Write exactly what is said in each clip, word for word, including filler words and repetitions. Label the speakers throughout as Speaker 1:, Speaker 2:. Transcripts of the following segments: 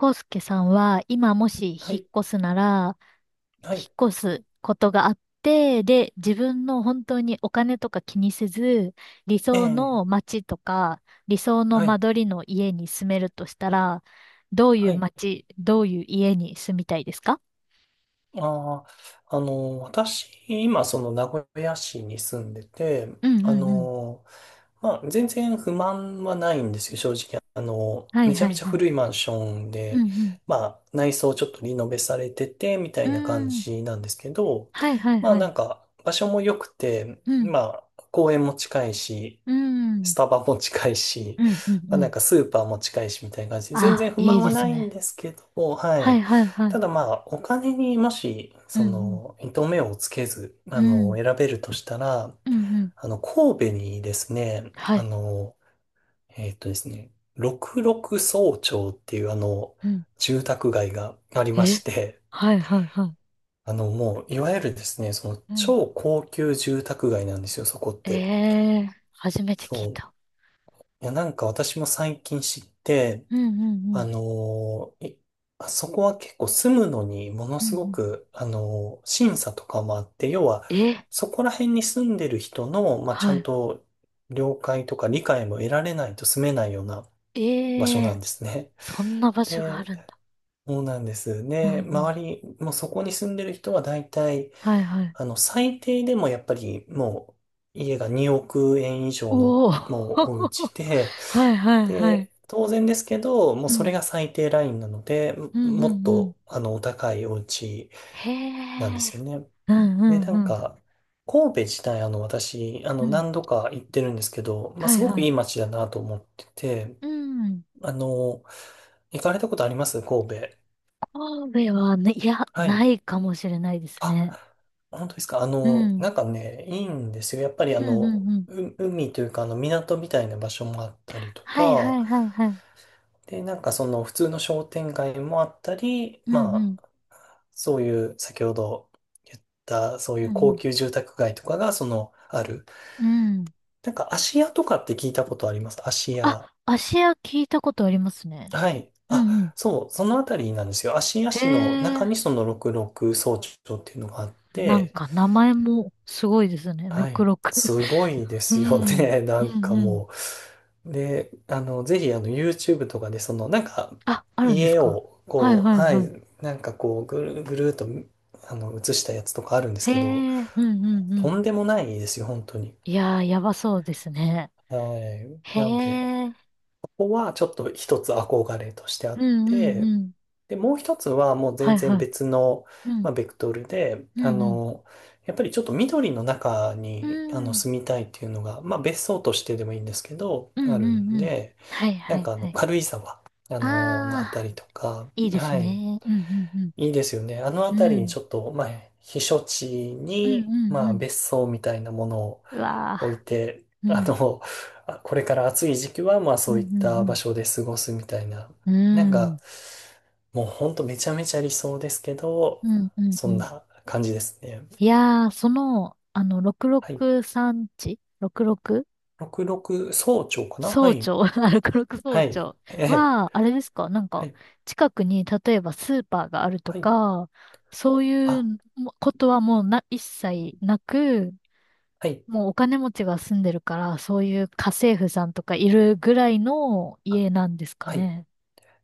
Speaker 1: 康介さんは今もし
Speaker 2: は
Speaker 1: 引っ
Speaker 2: い、
Speaker 1: 越すなら、
Speaker 2: は
Speaker 1: 引
Speaker 2: い、
Speaker 1: っ越すことがあって、で、自分の本当にお金とか気にせず、理
Speaker 2: え
Speaker 1: 想
Speaker 2: え、
Speaker 1: の街とか、理想の
Speaker 2: は
Speaker 1: 間
Speaker 2: い、
Speaker 1: 取りの家に住めるとしたら、どうい
Speaker 2: は
Speaker 1: う
Speaker 2: い。
Speaker 1: 街、どういう家に住みたいですか？
Speaker 2: ああ、あの、私、今、その名古屋市に住んでて、
Speaker 1: うんう
Speaker 2: あ
Speaker 1: んうん。
Speaker 2: の、まあ、全然不満はないんですよ、正直。あの、
Speaker 1: は
Speaker 2: め
Speaker 1: い
Speaker 2: ちゃ
Speaker 1: は
Speaker 2: め
Speaker 1: い
Speaker 2: ちゃ
Speaker 1: はい。
Speaker 2: 古いマンションで、
Speaker 1: うん
Speaker 2: まあ、内装ちょっとリノベされてて、みた
Speaker 1: う
Speaker 2: いな
Speaker 1: ん。
Speaker 2: 感
Speaker 1: うーん。
Speaker 2: じなんですけど、
Speaker 1: はいはい
Speaker 2: まあ、
Speaker 1: は
Speaker 2: な
Speaker 1: い。
Speaker 2: んか、場所も良くて、
Speaker 1: うん。
Speaker 2: まあ、公園も近いし、
Speaker 1: うん。
Speaker 2: スタバも近い
Speaker 1: う
Speaker 2: し、
Speaker 1: んうん
Speaker 2: まあ、
Speaker 1: う
Speaker 2: なん
Speaker 1: ん。
Speaker 2: かスーパーも近いしみたいな感じで、全然
Speaker 1: あ、
Speaker 2: 不
Speaker 1: いい
Speaker 2: 満
Speaker 1: で
Speaker 2: は
Speaker 1: す
Speaker 2: ないん
Speaker 1: ね。
Speaker 2: ですけど、は
Speaker 1: はい
Speaker 2: い。
Speaker 1: はいはい。
Speaker 2: ただまあ、お金にもし、
Speaker 1: うん
Speaker 2: そ
Speaker 1: うん。
Speaker 2: の、糸目をつけず、
Speaker 1: う
Speaker 2: あの、
Speaker 1: ん。
Speaker 2: 選べるとしたら、
Speaker 1: うんうん。
Speaker 2: あの、神戸にですね、
Speaker 1: は
Speaker 2: あ
Speaker 1: い。
Speaker 2: の、えっとですね、六麓総町っていうあの、住宅街がありま
Speaker 1: え、
Speaker 2: して、
Speaker 1: はいはいは
Speaker 2: あの、もう、いわゆるですね、その、
Speaker 1: い。うん。
Speaker 2: 超高級住宅街なんですよ、そこっ
Speaker 1: え
Speaker 2: て。
Speaker 1: え、初めて聞い
Speaker 2: そ
Speaker 1: た。
Speaker 2: う。いや、なんか私も最近知って、
Speaker 1: うんうんう
Speaker 2: あ
Speaker 1: ん。
Speaker 2: のー、いあそこは結構住むのにもの
Speaker 1: うんう
Speaker 2: すご
Speaker 1: ん。
Speaker 2: く、あのー、審査とかもあって、要は、
Speaker 1: え、
Speaker 2: そこら辺に住んでる人の、まあ、ちゃ
Speaker 1: は
Speaker 2: ん
Speaker 1: い。
Speaker 2: と了解とか理解も得られないと住めないような場所
Speaker 1: え
Speaker 2: な
Speaker 1: え、
Speaker 2: んですね。
Speaker 1: そんな場所があ
Speaker 2: で、
Speaker 1: るんだ。
Speaker 2: そうなんです。
Speaker 1: う
Speaker 2: ね、
Speaker 1: んうん。
Speaker 2: 周り、もうそこに住んでる人は大体、
Speaker 1: はいはい。
Speaker 2: あの、最低でもやっぱりもう家がにおく円以上の
Speaker 1: おお
Speaker 2: もうお家で、
Speaker 1: はいはいはい。
Speaker 2: で、当然ですけど、もう
Speaker 1: う
Speaker 2: それ
Speaker 1: ん。
Speaker 2: が最低ラインなので、も
Speaker 1: うんう
Speaker 2: もっ
Speaker 1: んうん。
Speaker 2: とあの、お高いお家
Speaker 1: へ
Speaker 2: なんで
Speaker 1: え。
Speaker 2: すよね。
Speaker 1: うんう
Speaker 2: で、
Speaker 1: ん
Speaker 2: な
Speaker 1: う
Speaker 2: ん
Speaker 1: ん。
Speaker 2: か、神戸自体あの、私、あの、
Speaker 1: うん。
Speaker 2: 何度か行ってるんですけど、まあ、
Speaker 1: は
Speaker 2: す
Speaker 1: い
Speaker 2: ご
Speaker 1: は
Speaker 2: くい
Speaker 1: い。
Speaker 2: い街だなと思ってて、
Speaker 1: うん。
Speaker 2: あの、行かれたことあります神戸？
Speaker 1: 神戸はね、いや、
Speaker 2: は
Speaker 1: な
Speaker 2: い。
Speaker 1: いかもしれないです
Speaker 2: あ、
Speaker 1: ね。
Speaker 2: 本当ですか？あ
Speaker 1: う
Speaker 2: の、な
Speaker 1: ん。
Speaker 2: んかね、いいんですよ。やっぱりあ
Speaker 1: うんう
Speaker 2: の、
Speaker 1: んうん。
Speaker 2: う海というか、あの、港みたいな場所もあったりと
Speaker 1: はい
Speaker 2: か、
Speaker 1: はいはいはい。
Speaker 2: で、なんかその、普通の商店街もあったり、
Speaker 1: うん
Speaker 2: ま
Speaker 1: うん。
Speaker 2: あ、そういう、先ほど言った、そう
Speaker 1: う
Speaker 2: い
Speaker 1: ん
Speaker 2: う
Speaker 1: う
Speaker 2: 高
Speaker 1: ん
Speaker 2: 級住宅街とかが、その、ある。
Speaker 1: うん。
Speaker 2: なんか、芦屋とかって聞いたことあります芦
Speaker 1: あ、
Speaker 2: 屋？
Speaker 1: 芦屋聞いたことありますね。
Speaker 2: はい。
Speaker 1: う
Speaker 2: あ、
Speaker 1: んうん。
Speaker 2: そう、そのあたりなんですよ。芦屋
Speaker 1: へ
Speaker 2: 市の
Speaker 1: え、
Speaker 2: 中にその、六麓総長っていうのがあっ
Speaker 1: なん
Speaker 2: て、
Speaker 1: か名前もすごいですね。
Speaker 2: はい。
Speaker 1: ろくろく。
Speaker 2: すご いで
Speaker 1: う
Speaker 2: すよ
Speaker 1: ん。
Speaker 2: ね。な
Speaker 1: う
Speaker 2: ん
Speaker 1: ん
Speaker 2: か
Speaker 1: うん。
Speaker 2: もう。で、あの、ぜひ、あの、YouTube とかで、その、なんか、
Speaker 1: あ、あるんです
Speaker 2: 家
Speaker 1: か？
Speaker 2: を、
Speaker 1: はい
Speaker 2: こう、
Speaker 1: はい
Speaker 2: は
Speaker 1: はい。
Speaker 2: い、なんかこう、ぐるぐるーっと、あの、映したやつとかあるんです
Speaker 1: へ
Speaker 2: けど、
Speaker 1: え、うんうんう
Speaker 2: と
Speaker 1: ん。
Speaker 2: んでもないですよ、本当に。
Speaker 1: いやー、やばそうですね。
Speaker 2: はい。
Speaker 1: へ
Speaker 2: なので、
Speaker 1: え、う
Speaker 2: ここはちょっと一つ憧れとしてあ
Speaker 1: ん
Speaker 2: っ
Speaker 1: うんう
Speaker 2: て、
Speaker 1: ん。
Speaker 2: で、もう一つはもう
Speaker 1: は
Speaker 2: 全
Speaker 1: い
Speaker 2: 然
Speaker 1: はい。
Speaker 2: 別の、
Speaker 1: うん、
Speaker 2: まあ、ベクトルで、
Speaker 1: う
Speaker 2: あ
Speaker 1: んうん。
Speaker 2: の、やっぱりちょっと緑の中
Speaker 1: う
Speaker 2: に、あの、
Speaker 1: ん、
Speaker 2: 住みたいっていうのが、まあ、別荘としてでもいいんですけど、
Speaker 1: う
Speaker 2: あ
Speaker 1: ん
Speaker 2: る
Speaker 1: うん
Speaker 2: ん
Speaker 1: うん。
Speaker 2: で、
Speaker 1: はい
Speaker 2: な
Speaker 1: は
Speaker 2: ん
Speaker 1: い
Speaker 2: かあ
Speaker 1: は
Speaker 2: の、
Speaker 1: い。
Speaker 2: 軽井沢、あの、のあた
Speaker 1: あ
Speaker 2: りとか、
Speaker 1: ー、いいです
Speaker 2: はい、
Speaker 1: ね。うんうんうん。
Speaker 2: いいですよね。あのあ
Speaker 1: う
Speaker 2: たりに
Speaker 1: ん、
Speaker 2: ちょっと、まあ、避暑地
Speaker 1: はいはいはい、あ、いいですね、う
Speaker 2: に、
Speaker 1: ん
Speaker 2: ま
Speaker 1: うんう
Speaker 2: あ、
Speaker 1: ん。
Speaker 2: 別荘みたいなものを
Speaker 1: う
Speaker 2: 置い
Speaker 1: わ
Speaker 2: て、
Speaker 1: ー。う
Speaker 2: あ
Speaker 1: ん、
Speaker 2: の、あ、これから暑い時期は、まあ
Speaker 1: う
Speaker 2: そ
Speaker 1: ん、う
Speaker 2: ういった場
Speaker 1: ん、
Speaker 2: 所で過ごすみたいな。
Speaker 1: う
Speaker 2: なん
Speaker 1: ん。う
Speaker 2: か、
Speaker 1: ん、
Speaker 2: もうほんとめちゃめちゃ理想ですけど、
Speaker 1: うん、うん。
Speaker 2: そ
Speaker 1: う
Speaker 2: ん
Speaker 1: ん、
Speaker 2: な感じですね。
Speaker 1: いやー、その、あの、
Speaker 2: はい。
Speaker 1: ろくろくさん地？ ろくろく？
Speaker 2: ろくろく早朝かな、は
Speaker 1: 総
Speaker 2: い。
Speaker 1: 長 あ、ろく総
Speaker 2: はい。
Speaker 1: 長
Speaker 2: ええ。
Speaker 1: は、あれですか？なん
Speaker 2: は
Speaker 1: か、
Speaker 2: い。
Speaker 1: 近くに、例えばスーパーがあると
Speaker 2: はい。
Speaker 1: か、そうい
Speaker 2: あ、
Speaker 1: うもことはもうな、一切なく、
Speaker 2: はい。
Speaker 1: もうお金持ちが住んでるから、そういう家政婦さんとかいるぐらいの
Speaker 2: あ、
Speaker 1: 家なんですか
Speaker 2: はい。
Speaker 1: ね？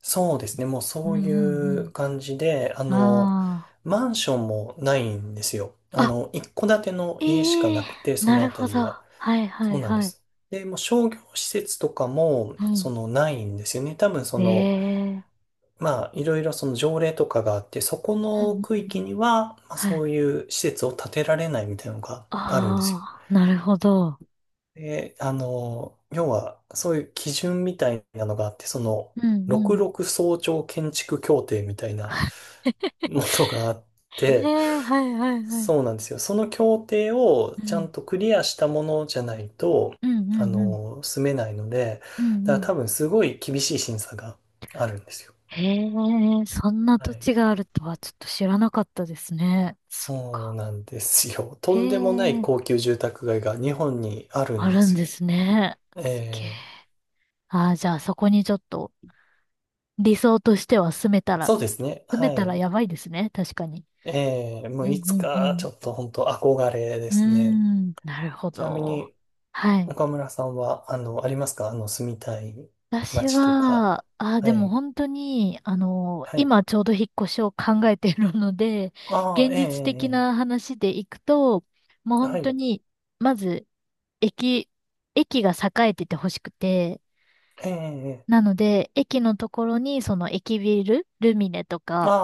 Speaker 2: そうですね。もう
Speaker 1: う
Speaker 2: そ
Speaker 1: んう
Speaker 2: ういう
Speaker 1: ん
Speaker 2: 感じで、あ
Speaker 1: うん。
Speaker 2: の、
Speaker 1: あ
Speaker 2: マンションもないんですよ。あ
Speaker 1: あ。
Speaker 2: の、一戸建ての家しか
Speaker 1: ええ、
Speaker 2: なくて、そ
Speaker 1: な
Speaker 2: の
Speaker 1: る
Speaker 2: あた
Speaker 1: ほ
Speaker 2: り
Speaker 1: ど。
Speaker 2: は。
Speaker 1: はいは
Speaker 2: そ
Speaker 1: い
Speaker 2: うなんで
Speaker 1: はい。
Speaker 2: す。で、もう商業施設とかも、
Speaker 1: う
Speaker 2: そ
Speaker 1: ん。
Speaker 2: の、ないんですよね。多分、その、
Speaker 1: ええ、
Speaker 2: まあ、いろいろその条例とかがあって、そこ
Speaker 1: うんう
Speaker 2: の
Speaker 1: ん
Speaker 2: 区
Speaker 1: う
Speaker 2: 域
Speaker 1: ん。
Speaker 2: には、まあ、
Speaker 1: は
Speaker 2: そ
Speaker 1: い。
Speaker 2: ういう施設を建てられないみたいなのがあるんですよ。
Speaker 1: ああ、なるほど。
Speaker 2: で、あの、要は、そういう基準みたいなのがあって、その、
Speaker 1: うんうん。
Speaker 2: ろくろく総長建築協定みたいなものがあっ
Speaker 1: え
Speaker 2: て、
Speaker 1: え、はいはいはい。
Speaker 2: そうなんですよ。その協定を
Speaker 1: う
Speaker 2: ちゃ
Speaker 1: ん。
Speaker 2: んとクリアしたものじゃないと、
Speaker 1: うんう
Speaker 2: あ
Speaker 1: んうん。
Speaker 2: の、住めないので、
Speaker 1: うんう
Speaker 2: だから
Speaker 1: ん。
Speaker 2: 多分すごい厳しい審査があるんですよ。
Speaker 1: へえ、そんな
Speaker 2: は
Speaker 1: 土
Speaker 2: い。
Speaker 1: 地があるとはちょっと知らなかったですね。そっ
Speaker 2: そう
Speaker 1: か。
Speaker 2: なんですよ。と
Speaker 1: へ
Speaker 2: んでもない
Speaker 1: え、
Speaker 2: 高級住宅街が日本にある
Speaker 1: あ
Speaker 2: んで
Speaker 1: るん
Speaker 2: すよ。
Speaker 1: ですね。すげえ。
Speaker 2: え
Speaker 1: ああ、じゃあ
Speaker 2: ー、
Speaker 1: そこにちょっと理想としては住めたら、
Speaker 2: そうですね。
Speaker 1: 住め
Speaker 2: は
Speaker 1: たら
Speaker 2: い。
Speaker 1: やばいですね。確かに。
Speaker 2: えー、も
Speaker 1: う
Speaker 2: うい
Speaker 1: ん
Speaker 2: つ
Speaker 1: うんう
Speaker 2: かち
Speaker 1: ん。
Speaker 2: ょっと本当憧れで
Speaker 1: うー
Speaker 2: すね。
Speaker 1: ん、なるほ
Speaker 2: ちなみ
Speaker 1: ど。
Speaker 2: に
Speaker 1: はい。
Speaker 2: 岡村さんは、あの、ありますかあの、住みたい
Speaker 1: 私
Speaker 2: 街とか？
Speaker 1: は、あ、で
Speaker 2: は
Speaker 1: も
Speaker 2: い。
Speaker 1: 本当に、あの、
Speaker 2: はい。
Speaker 1: 今ちょうど引っ越しを考えているので、
Speaker 2: ああ、
Speaker 1: 現
Speaker 2: ええ、ええ、
Speaker 1: 実的
Speaker 2: ええ、
Speaker 1: な話でいくと、もう
Speaker 2: は
Speaker 1: 本当
Speaker 2: い、
Speaker 1: に、まず、駅、駅が栄えててほしくて、
Speaker 2: ええ、ええ、
Speaker 1: なので、駅のところに、その駅ビル、ルミネと
Speaker 2: あ
Speaker 1: か、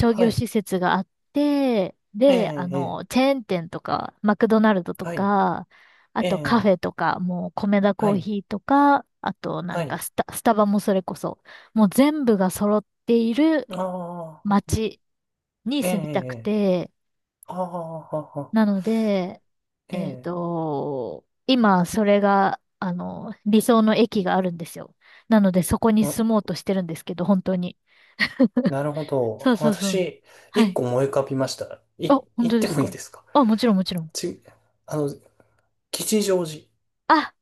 Speaker 2: あ、は
Speaker 1: 業
Speaker 2: い、
Speaker 1: 施設があって、
Speaker 2: え
Speaker 1: で、あ
Speaker 2: え、ええ、
Speaker 1: の、チェーン店とか、マクドナルドと
Speaker 2: はい、
Speaker 1: か、あ
Speaker 2: え
Speaker 1: とカフ
Speaker 2: え、
Speaker 1: ェとか、もうコメダコ
Speaker 2: は
Speaker 1: ー
Speaker 2: い、
Speaker 1: ヒーとか、あとな
Speaker 2: は
Speaker 1: んか
Speaker 2: い、
Speaker 1: スタ、スタバもそれこそ、もう全部が揃っている
Speaker 2: ああ、
Speaker 1: 街に
Speaker 2: ええ、え
Speaker 1: 住みたく
Speaker 2: え、
Speaker 1: て、
Speaker 2: ああ、あ
Speaker 1: な
Speaker 2: あ、
Speaker 1: ので、
Speaker 2: ええ、ええ、ええ、はい、ええ、ええ、ああ、はい、ええ、ええ、はい、ええ、はい、はい、ああ、ええ、ええ、
Speaker 1: えっ
Speaker 2: ああ、ええ、
Speaker 1: と、今それが、あの、理想の駅があるんですよ。なのでそこに住
Speaker 2: わ、
Speaker 1: もうとしてるんですけど、本当に。
Speaker 2: なるほ
Speaker 1: そ
Speaker 2: ど。
Speaker 1: うそうそう。
Speaker 2: 私、
Speaker 1: は
Speaker 2: 一
Speaker 1: い。
Speaker 2: 個思い浮かびました。い、
Speaker 1: あ、本
Speaker 2: 言っ
Speaker 1: 当で
Speaker 2: て
Speaker 1: す
Speaker 2: もいい
Speaker 1: か？
Speaker 2: ですか？
Speaker 1: あ、もちろんもちろん。
Speaker 2: ち、あの、吉祥寺。
Speaker 1: あ、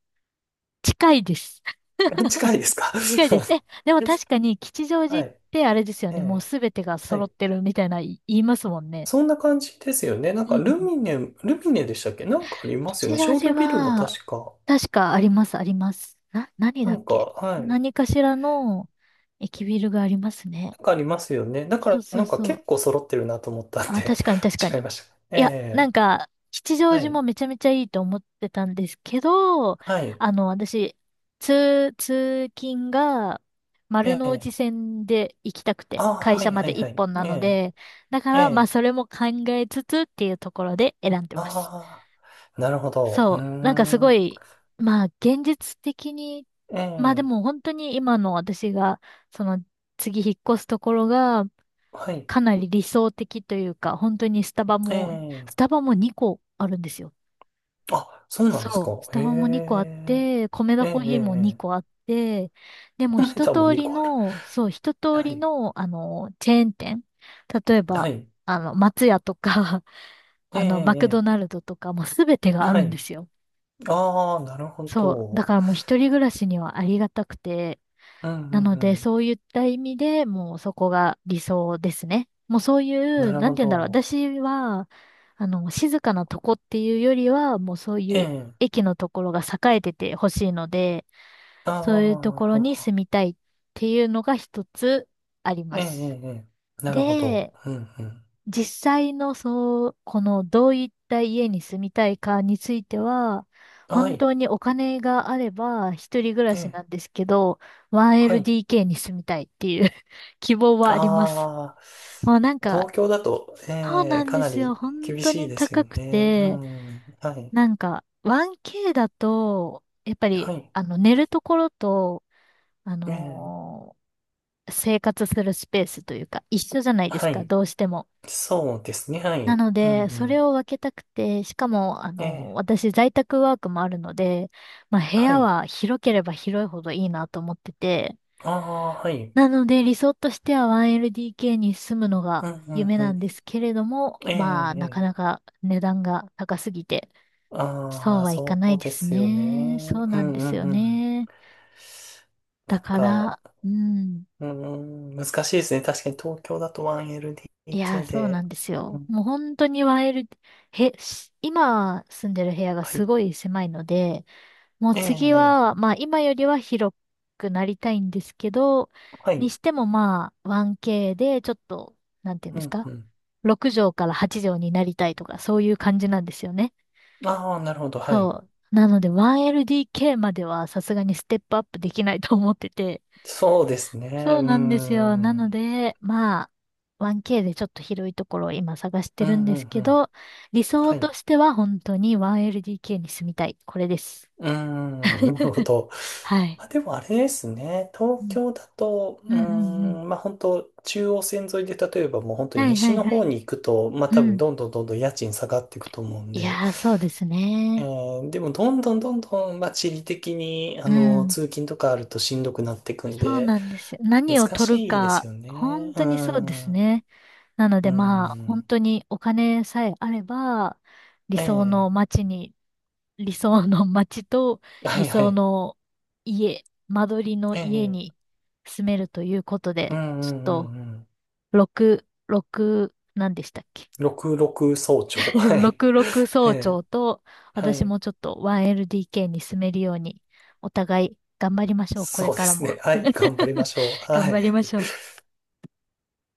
Speaker 1: 近いです。
Speaker 2: 近いです か？
Speaker 1: 近いです。え、でも確かに吉祥寺
Speaker 2: は
Speaker 1: っ
Speaker 2: い、
Speaker 1: てあれですよ
Speaker 2: え
Speaker 1: ね。もう
Speaker 2: え、
Speaker 1: すべてが
Speaker 2: は
Speaker 1: 揃っ
Speaker 2: い。
Speaker 1: てるみたいな言いますもんね。
Speaker 2: そんな感じですよね。なん
Speaker 1: う
Speaker 2: か、
Speaker 1: ん。
Speaker 2: ルミネ、ルミネでしたっけ？なんかありますよ
Speaker 1: 吉
Speaker 2: ね。
Speaker 1: 祥
Speaker 2: 商
Speaker 1: 寺
Speaker 2: 業ビルも
Speaker 1: は、
Speaker 2: 確か。
Speaker 1: 確かあります、あります。な、何
Speaker 2: な
Speaker 1: だっ
Speaker 2: んか、
Speaker 1: け
Speaker 2: はい。
Speaker 1: 何かしらの駅ビルがありますね。
Speaker 2: なんかありますよね。だか
Speaker 1: そう
Speaker 2: ら、
Speaker 1: そ
Speaker 2: な
Speaker 1: う
Speaker 2: んか
Speaker 1: そう。
Speaker 2: 結構揃ってるなと思ったん
Speaker 1: あ、
Speaker 2: で、
Speaker 1: 確かに確 か
Speaker 2: 違い
Speaker 1: に。
Speaker 2: ました。
Speaker 1: いや、
Speaker 2: え
Speaker 1: なん
Speaker 2: え、
Speaker 1: か、吉祥
Speaker 2: は
Speaker 1: 寺
Speaker 2: い。
Speaker 1: もめちゃめちゃいいと思ってたんですけど、
Speaker 2: はい。
Speaker 1: あの、私、通、通勤が丸
Speaker 2: え
Speaker 1: の内
Speaker 2: え、
Speaker 1: 線で行きたくて、
Speaker 2: ああ、
Speaker 1: 会
Speaker 2: は
Speaker 1: 社
Speaker 2: い
Speaker 1: ま
Speaker 2: はい
Speaker 1: で一
Speaker 2: はい。
Speaker 1: 本な
Speaker 2: え
Speaker 1: の
Speaker 2: え、
Speaker 1: で、だか
Speaker 2: え
Speaker 1: ら、まあ、
Speaker 2: え、
Speaker 1: それも考えつつっていうところで選んでます。
Speaker 2: ああ、なるほど。う
Speaker 1: そ
Speaker 2: ー
Speaker 1: う、なんかすご
Speaker 2: ん。
Speaker 1: い、まあ、現実的に、まあで
Speaker 2: え
Speaker 1: も
Speaker 2: え、
Speaker 1: 本当に今の私が、その、次引っ越すところが、
Speaker 2: はい。
Speaker 1: かなり理想的というか、本当にスタバも、
Speaker 2: え
Speaker 1: ス
Speaker 2: え、
Speaker 1: タバもにこあるんですよ。
Speaker 2: あ、そうなんですか？
Speaker 1: そう。ス
Speaker 2: へ
Speaker 1: タバもにこあっ
Speaker 2: え、
Speaker 1: て、コメ
Speaker 2: え
Speaker 1: ダ
Speaker 2: え、え
Speaker 1: コーヒーも2
Speaker 2: え、
Speaker 1: 個
Speaker 2: え
Speaker 1: あって、で
Speaker 2: え。
Speaker 1: も 一
Speaker 2: タも
Speaker 1: 通
Speaker 2: 2
Speaker 1: り
Speaker 2: 個ある。
Speaker 1: の、そう、一通
Speaker 2: は
Speaker 1: り
Speaker 2: い。
Speaker 1: の、あの、チェーン店。例え
Speaker 2: は
Speaker 1: ば、
Speaker 2: い。
Speaker 1: あの、松屋とか、
Speaker 2: え
Speaker 1: あの、マクド
Speaker 2: え、え
Speaker 1: ナルドとか、もうすべて
Speaker 2: え、
Speaker 1: があ
Speaker 2: は
Speaker 1: るんで
Speaker 2: い。
Speaker 1: すよ。
Speaker 2: ああ、なるほ
Speaker 1: そう。だか
Speaker 2: ど。
Speaker 1: らもう一人暮らしにはありがたくて、
Speaker 2: うんう
Speaker 1: なので、
Speaker 2: ん
Speaker 1: そういった意味でもうそこが理想ですね。もうそうい
Speaker 2: うん。な
Speaker 1: う、
Speaker 2: る
Speaker 1: なん
Speaker 2: ほ
Speaker 1: て言うんだろう。
Speaker 2: ど。
Speaker 1: 私は、あの、静かなとこっていうよりは、もうそうい
Speaker 2: え
Speaker 1: う
Speaker 2: え、
Speaker 1: 駅のところが栄えててほしいので、そういうとこ
Speaker 2: あ
Speaker 1: ろに
Speaker 2: あ、
Speaker 1: 住みたいっていうのが一つあり
Speaker 2: ええ、
Speaker 1: ま
Speaker 2: え
Speaker 1: す。
Speaker 2: え、ええ、なるほど。
Speaker 1: で、
Speaker 2: うん、うん。
Speaker 1: 実際のそう、このどういった家に住みたいかについては、
Speaker 2: は
Speaker 1: 本
Speaker 2: い。
Speaker 1: 当にお金があれば一人暮ら
Speaker 2: え
Speaker 1: し
Speaker 2: え、
Speaker 1: なんですけど、
Speaker 2: はい。
Speaker 1: ワンエルディーケー に住みたいっていう 希望はあります。
Speaker 2: ああ、
Speaker 1: もうなんか、
Speaker 2: 東京だと、
Speaker 1: そう
Speaker 2: ええ、
Speaker 1: なん
Speaker 2: か
Speaker 1: で
Speaker 2: な
Speaker 1: すよ。
Speaker 2: り
Speaker 1: 本
Speaker 2: 厳
Speaker 1: 当
Speaker 2: しい
Speaker 1: に
Speaker 2: です
Speaker 1: 高
Speaker 2: よ
Speaker 1: く
Speaker 2: ね。う
Speaker 1: て、
Speaker 2: ん、はい。
Speaker 1: なんか ワンケー だと、やっぱ
Speaker 2: は
Speaker 1: り
Speaker 2: い。
Speaker 1: あの寝るところと、あ
Speaker 2: ええ、
Speaker 1: のー生活するスペースというか一緒じゃないです
Speaker 2: は
Speaker 1: か、
Speaker 2: い。
Speaker 1: どうしても。
Speaker 2: そうですね、は
Speaker 1: な
Speaker 2: い。
Speaker 1: の
Speaker 2: うん、
Speaker 1: で、
Speaker 2: う
Speaker 1: それ
Speaker 2: ん。
Speaker 1: を分けたくて、しかも、あ
Speaker 2: え
Speaker 1: の、
Speaker 2: え、
Speaker 1: 私、在宅ワークもあるので、まあ、部
Speaker 2: は
Speaker 1: 屋
Speaker 2: い。
Speaker 1: は広ければ広いほどいいなと思ってて、
Speaker 2: ああ、はい。
Speaker 1: なので、理想としては ワンエルディーケー に住むの
Speaker 2: う
Speaker 1: が
Speaker 2: ん、うん、
Speaker 1: 夢
Speaker 2: う
Speaker 1: なん
Speaker 2: ん。
Speaker 1: ですけれども、
Speaker 2: ええ、
Speaker 1: まあ、なか
Speaker 2: え
Speaker 1: な
Speaker 2: え。
Speaker 1: か値段が高すぎて、そ
Speaker 2: あ
Speaker 1: う
Speaker 2: あ、
Speaker 1: はいか
Speaker 2: そ
Speaker 1: ない
Speaker 2: う
Speaker 1: で
Speaker 2: で
Speaker 1: す
Speaker 2: すよね。
Speaker 1: ね。そう
Speaker 2: う
Speaker 1: なん
Speaker 2: ん、
Speaker 1: で
Speaker 2: う
Speaker 1: す
Speaker 2: ん、
Speaker 1: よ
Speaker 2: うん。
Speaker 1: ね。だ
Speaker 2: なん
Speaker 1: か
Speaker 2: か、
Speaker 1: ら、うん。
Speaker 2: うーん、難しいですね。確かに東京だと
Speaker 1: いやー、
Speaker 2: ワンエルディーケー
Speaker 1: そうな
Speaker 2: で。
Speaker 1: んです
Speaker 2: う
Speaker 1: よ。
Speaker 2: ん、
Speaker 1: もう本当にワンエル、へ、し今住んでる部屋が
Speaker 2: は
Speaker 1: す
Speaker 2: い。
Speaker 1: ごい狭いので、もう
Speaker 2: え
Speaker 1: 次
Speaker 2: え、
Speaker 1: は、まあ今よりは広くなりたいんですけど、
Speaker 2: は
Speaker 1: に
Speaker 2: い。
Speaker 1: してもまあ ワンケー でちょっと、なんていうん
Speaker 2: う
Speaker 1: です
Speaker 2: ん、う
Speaker 1: か？
Speaker 2: ん。
Speaker 1: ろく 畳からはち畳になりたいとか、そういう感じなんですよね。
Speaker 2: ああ、なるほど。はい。
Speaker 1: そう。なので ワンエルディーケー まではさすがにステップアップできないと思ってて。
Speaker 2: そうですね。う
Speaker 1: そ
Speaker 2: ー
Speaker 1: うなんですよ。なの
Speaker 2: ん。
Speaker 1: で、まあ、ワンケー でちょっと広いところを今探して
Speaker 2: う
Speaker 1: るん
Speaker 2: ん、う
Speaker 1: です
Speaker 2: ん、う
Speaker 1: け
Speaker 2: ん。
Speaker 1: ど、理想
Speaker 2: はい。
Speaker 1: と
Speaker 2: う
Speaker 1: しては本当に ワンエルディーケー に住みたい。これです。
Speaker 2: ーん、なるほど。
Speaker 1: はい。
Speaker 2: まあでもあれですね。
Speaker 1: う
Speaker 2: 東
Speaker 1: ん
Speaker 2: 京だと、う
Speaker 1: うんうんうん。
Speaker 2: ーん、まあ本当中央線沿いで、例えばもう本当に
Speaker 1: はいは
Speaker 2: 西
Speaker 1: い
Speaker 2: の
Speaker 1: は
Speaker 2: 方
Speaker 1: い。
Speaker 2: に行くと、まあ
Speaker 1: う
Speaker 2: 多分
Speaker 1: ん。
Speaker 2: どんどんどんどん家賃下がっていくと思うん
Speaker 1: い
Speaker 2: で、
Speaker 1: やー、そうです
Speaker 2: え
Speaker 1: ね。
Speaker 2: ーでも、どんどんどんどん、まあ、地理的に、あ
Speaker 1: う
Speaker 2: の、
Speaker 1: ん。
Speaker 2: 通勤とかあるとしんどくなっていくん
Speaker 1: そう
Speaker 2: で、
Speaker 1: なんですよ。何を
Speaker 2: 難
Speaker 1: 取る
Speaker 2: しいです
Speaker 1: か、
Speaker 2: よね。
Speaker 1: 本
Speaker 2: う
Speaker 1: 当にそうで
Speaker 2: ん。
Speaker 1: す
Speaker 2: う
Speaker 1: ね。なのでまあ、本
Speaker 2: ん。
Speaker 1: 当にお金さえあれば、理想
Speaker 2: ええ、
Speaker 1: の街に、理想の街と
Speaker 2: は
Speaker 1: 理
Speaker 2: いは
Speaker 1: 想
Speaker 2: い。
Speaker 1: の家、間取りの家
Speaker 2: ええ、
Speaker 1: に住めるということ
Speaker 2: うん
Speaker 1: で、
Speaker 2: う
Speaker 1: ちょっ
Speaker 2: んう
Speaker 1: と、
Speaker 2: んうん。
Speaker 1: ろく、ろく、何でしたっけ？
Speaker 2: ろくろく早朝。は い。
Speaker 1: ろくろく
Speaker 2: え
Speaker 1: 総
Speaker 2: え、
Speaker 1: 長と、
Speaker 2: は
Speaker 1: 私
Speaker 2: い。
Speaker 1: もちょっと ワンエルディーケー に住めるように、お互い頑張りましょう。これ
Speaker 2: そうで
Speaker 1: から
Speaker 2: す
Speaker 1: も。
Speaker 2: ね。はい。頑張りましょ う。
Speaker 1: 頑
Speaker 2: はい。
Speaker 1: 張りましょう。